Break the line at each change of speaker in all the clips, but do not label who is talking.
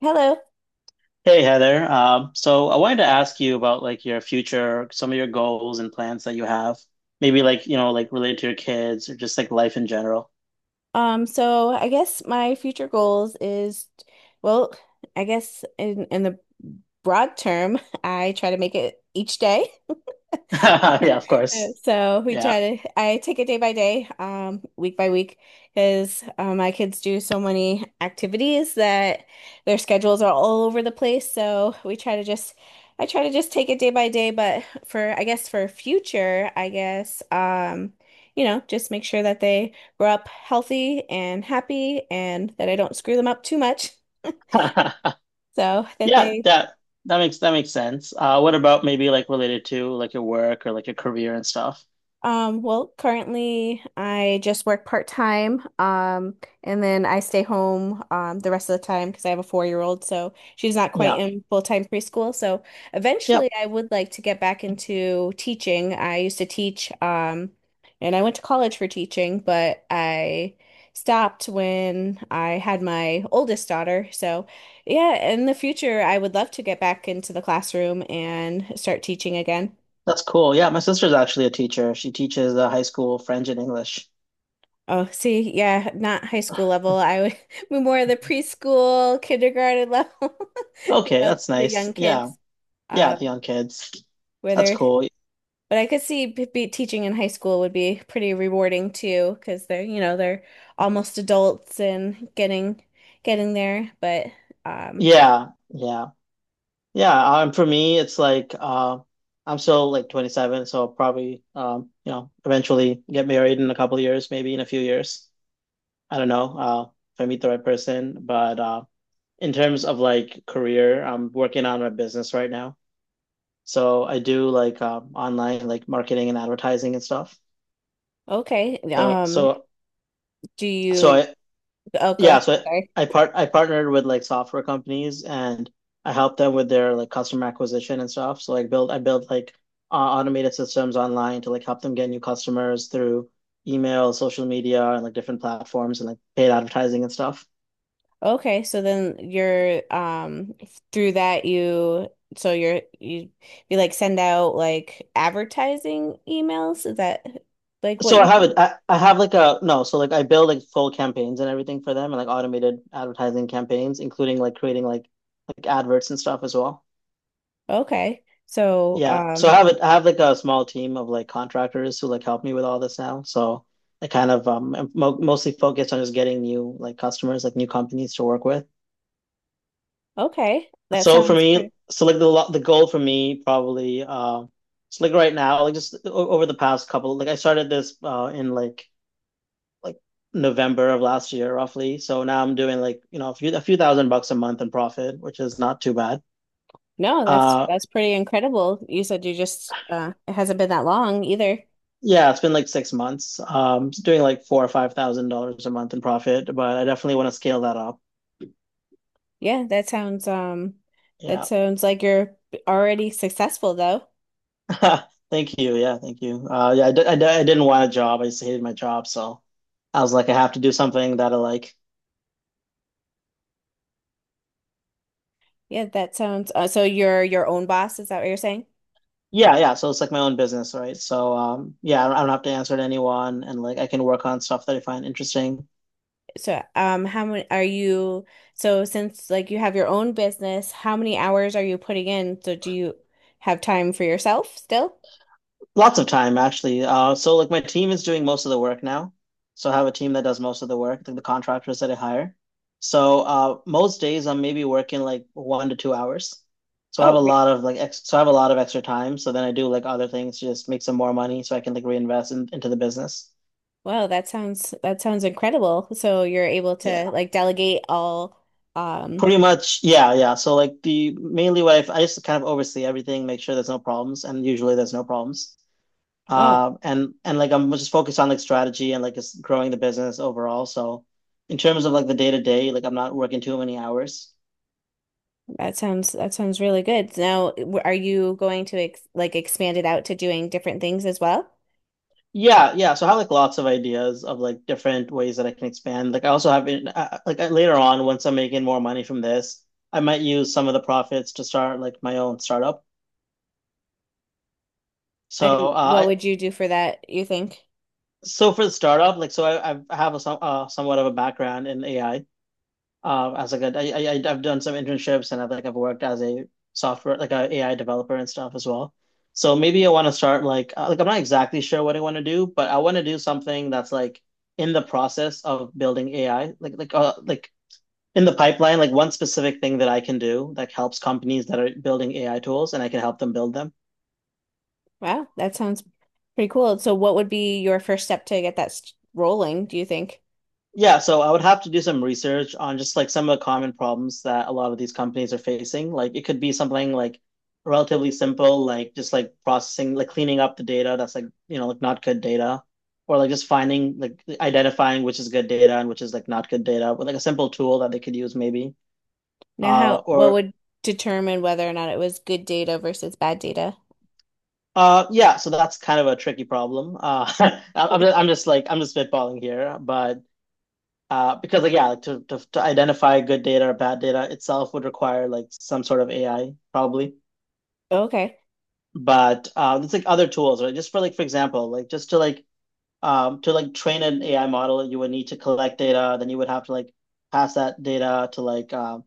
Hello.
Hey Heather, so I wanted to ask you about like your future, some of your goals and plans that you have, maybe like you know like related to your kids or just like life in general.
So I guess my future goals is, well, I guess in the broad term, I try to make it each day.
Yeah, of
Uh,
course.
So
Yeah,
I take it day by day, week by week, because my kids do so many activities that their schedules are all over the place. So we try to just, I try to just take it day by day. But for, I guess, for future, I guess, just make sure that they grow up healthy and happy and that I don't screw them up too much. So that
yeah,
they
that makes sense. What about maybe like related to like your work or like your career and stuff?
Well, currently I just work part-time, and then I stay home the rest of the time because I have a four-year-old, so she's not quite
Yeah,
in full-time preschool. So eventually
yep,
I would like to get back into teaching. I used to teach, and I went to college for teaching, but I stopped when I had my oldest daughter. So yeah, in the future I would love to get back into the classroom and start teaching again.
that's cool. Yeah, my sister's actually a teacher. She teaches high school French and English.
Oh, see, yeah, not high school level. I would be more the preschool, kindergarten level, you
Okay,
know,
that's
the
nice.
young
Yeah,
kids.
yeah, the
Um,
young kids.
where
That's
they're,
cool.
but I could see b be teaching in high school would be pretty rewarding too, because they're, you know, they're almost adults and getting there. But um,
Yeah, yeah. Yeah, for me, it's like I'm still like 27, so I'll probably you know, eventually get married in a couple of years, maybe in a few years. I don't know if I meet the right person, but in terms of like career, I'm working on my business right now. So I do like online like marketing and advertising and stuff.
okay.
So so
Do
so
you?
I
Oh, go
Yeah,
ahead.
so
Sorry.
I partnered with like software companies and I helped them with their like customer acquisition and stuff. So like build I built like automated systems online to like help them get new customers through email, social media, and like different platforms and like paid advertising and stuff.
Okay, so then you're through that you so you're you you like send out like advertising emails? Is that like what
So I
you
have
do?
it. I have like a no. So like I build like full campaigns and everything for them and like automated advertising campaigns, including like creating like adverts and stuff as well.
Okay.
Yeah. So I have it. I have like a small team of like contractors who like help me with all this now. So I kind of am mo mostly focused on just getting new like customers, like new companies to work with.
Okay, that
So for
sounds
me,
pretty.
so like the goal for me probably so like right now, like just over the past couple, like I started this in like November of last year roughly. So now I'm doing like you know a few 1,000 bucks a month in profit, which is not too bad.
No, that's
Uh,
that's pretty incredible. You said you just it hasn't been that long either.
Yeah, it's been like 6 months. It's doing like four or five thousand dollars a month in profit, but I definitely want to scale that up.
Yeah, that sounds, that
Yeah,
sounds like you're already successful though.
thank you. Yeah, thank you. Yeah, I didn't want a job. I just hated my job, so I was like, I have to do something that I like.
Yeah, that sounds so you're your own boss, is that what you're saying?
Yeah, yeah. So it's like my own business, right? So yeah, I don't have to answer to anyone, and like I can work on stuff that I find interesting.
So, how many are you? So, since like you have your own business, how many hours are you putting in? So, do you have time for yourself still?
Lots of time actually. So like my team is doing most of the work now. So I have a team that does most of the work, like the contractors that I hire. So most days I'm maybe working like 1 to 2 hours. So I have
Oh,
a
re-
lot of like ex so I have a lot of extra time. So then I do like other things to just make some more money so I can like reinvest into the business.
Wow, that sounds incredible. So, you're able to
Yeah,
like delegate all, um,
pretty much. Yeah, yeah. So like the mainly I just kind of oversee everything, make sure there's no problems, and usually there's no problems.
wow,
And like I'm just focused on like strategy and like just growing the business overall. So in terms of like the day to day, like I'm not working too many hours.
that sounds really good. Now, are you going to ex like expand it out to doing different things as well?
Yeah, yeah. So I have like lots of ideas of like different ways that I can expand. Like I also have in, like later on once I'm making more money from this, I might use some of the profits to start like my own startup. So
And what
I
would you do for that, you think?
so for the startup, like so I have a somewhat of a background in AI. As like I've done some internships and I've worked as a software like a AI developer and stuff as well. So maybe I want to start like I'm not exactly sure what I want to do, but I want to do something that's like in the process of building AI, like in the pipeline, like one specific thing that I can do that helps companies that are building AI tools and I can help them build them.
Wow, that sounds pretty cool. So what would be your first step to get that rolling, do you think?
Yeah, so I would have to do some research on just like some of the common problems that a lot of these companies are facing. Like it could be something like relatively simple, like just like processing, like cleaning up the data that's like, you know, like not good data, or like just finding, like identifying which is good data and which is like not good data with like a simple tool that they could use maybe.
Now how what
Or
would determine whether or not it was good data versus bad data?
yeah, so that's kind of a tricky problem. I'm just like I'm just spitballing here, but because like yeah, like to identify good data or bad data itself would require like some sort of AI probably.
Okay.
But it's like other tools, right? Just for like for example, like just to to like train an AI model, you would need to collect data, then you would have to like pass that data to um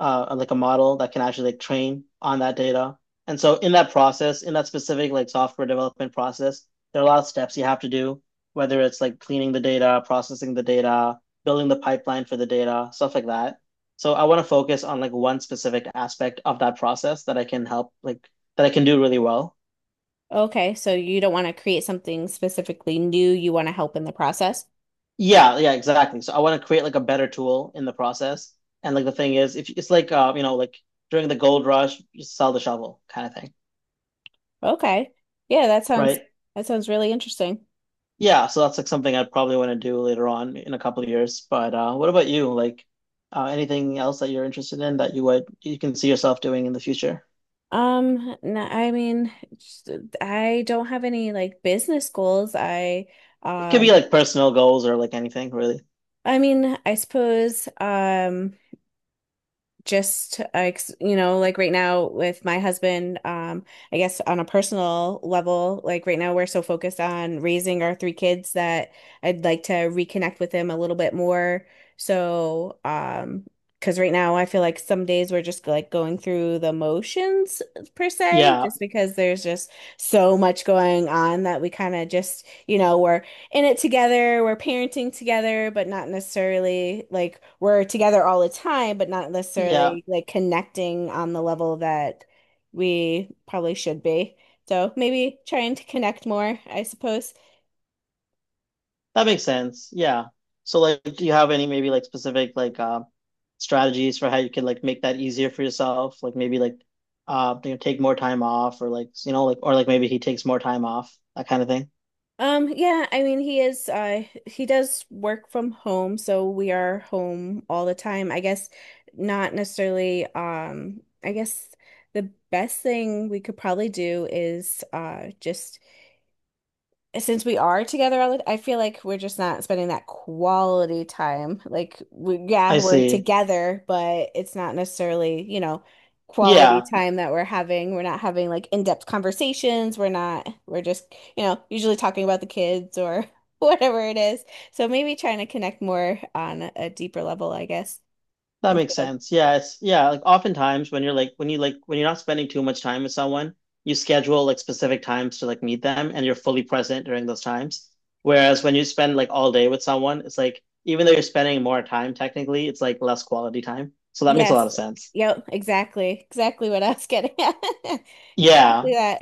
uh, like a model that can actually like train on that data. And so in that process, in that specific like software development process, there are a lot of steps you have to do, whether it's like cleaning the data, processing the data, building the pipeline for the data, stuff like that. So I want to focus on like one specific aspect of that process that I can help like that I can do really well.
Okay, so you don't want to create something specifically new, you want to help in the process.
Yeah, yeah, exactly. So I want to create like a better tool in the process. And like the thing is, if it's like you know, like during the gold rush, you sell the shovel kind of thing,
Okay. Yeah, that sounds
right?
that sounds really interesting.
Yeah, so that's like something I probably want to do later on in a couple of years. But what about you? Like anything else that you're interested in that you can see yourself doing in the future?
No, I mean, I don't have any like business goals.
It could be
Um
like personal goals or like anything really.
I mean, I suppose, just you know, like right now with my husband, I guess on a personal level, like right now we're so focused on raising our three kids that I'd like to reconnect with him a little bit more, so because right now I feel like some days we're just like going through the motions per se,
Yeah,
just because there's just so much going on that we kind of just, you know, we're in it together, we're parenting together, but not necessarily like we're together all the time, but not
yeah,
necessarily like connecting on the level that we probably should be. So maybe trying to connect more, I suppose.
that makes sense. Yeah. So like, do you have any maybe like specific like strategies for how you could like make that easier for yourself? Like maybe like you know, take more time off or like you know like or like maybe he takes more time off that kind of thing.
Yeah, I mean he is, he does work from home, so we are home all the time. I guess not necessarily, I guess the best thing we could probably do is, just since we are together all the, I feel like we're just not spending that quality time. Like we, yeah,
I
we're
see.
together, but it's not necessarily, you know, quality
Yeah.
time that we're having. We're not having like in-depth conversations. We're not, we're just, you know, usually talking about the kids or whatever it is. So maybe trying to connect more on a deeper level, I guess,
That makes
instead of
sense. Yeah, like oftentimes when you're like when you like when you're not spending too much time with someone, you schedule like specific times to like meet them and you're fully present during those times. Whereas when you spend like all day with someone, it's like even though you're spending more time technically, it's like less quality time. So that makes a lot
yes.
of sense.
Yep, exactly. Exactly what I was getting at.
Yeah.
Exactly that.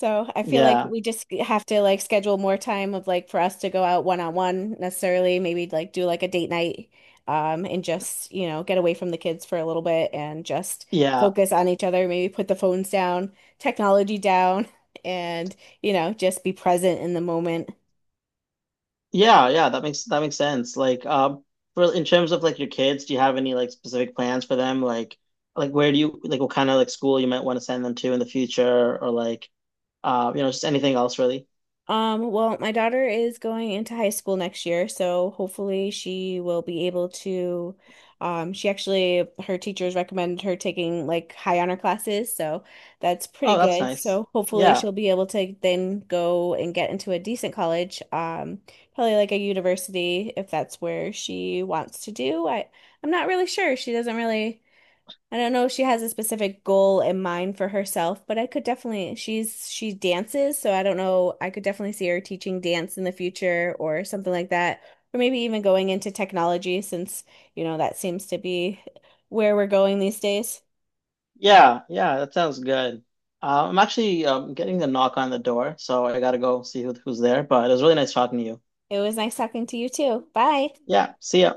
So I feel like
Yeah.
we just have to like schedule more time of like for us to go out one on one necessarily, maybe like do like a date night, and just, you know, get away from the kids for a little bit and just
Yeah.
focus on each other, maybe put the phones down, technology down, and, you know, just be present in the moment.
Yeah, yeah, that makes sense. Like, for in terms of like your kids, do you have any like specific plans for them? Like where do you like what kind of like school you might want to send them to in the future, or like, you know, just anything else really?
Well, my daughter is going into high school next year, so hopefully she will be able to, she actually, her teachers recommended her taking like high honor classes, so that's pretty
Oh, that's
good.
nice.
So hopefully
Yeah,
she'll be able to then go and get into a decent college, probably like a university if that's where she wants to do. I, I'm not really sure. She doesn't really. I don't know if she has a specific goal in mind for herself, but I could definitely, she's, she dances, so I don't know, I could definitely see her teaching dance in the future or something like that, or maybe even going into technology since, you know, that seems to be where we're going these days.
yeah, yeah. That sounds good. I'm actually getting a knock on the door, so I gotta go see who's there. But it was really nice talking to you.
It was nice talking to you too. Bye.
Yeah, see ya.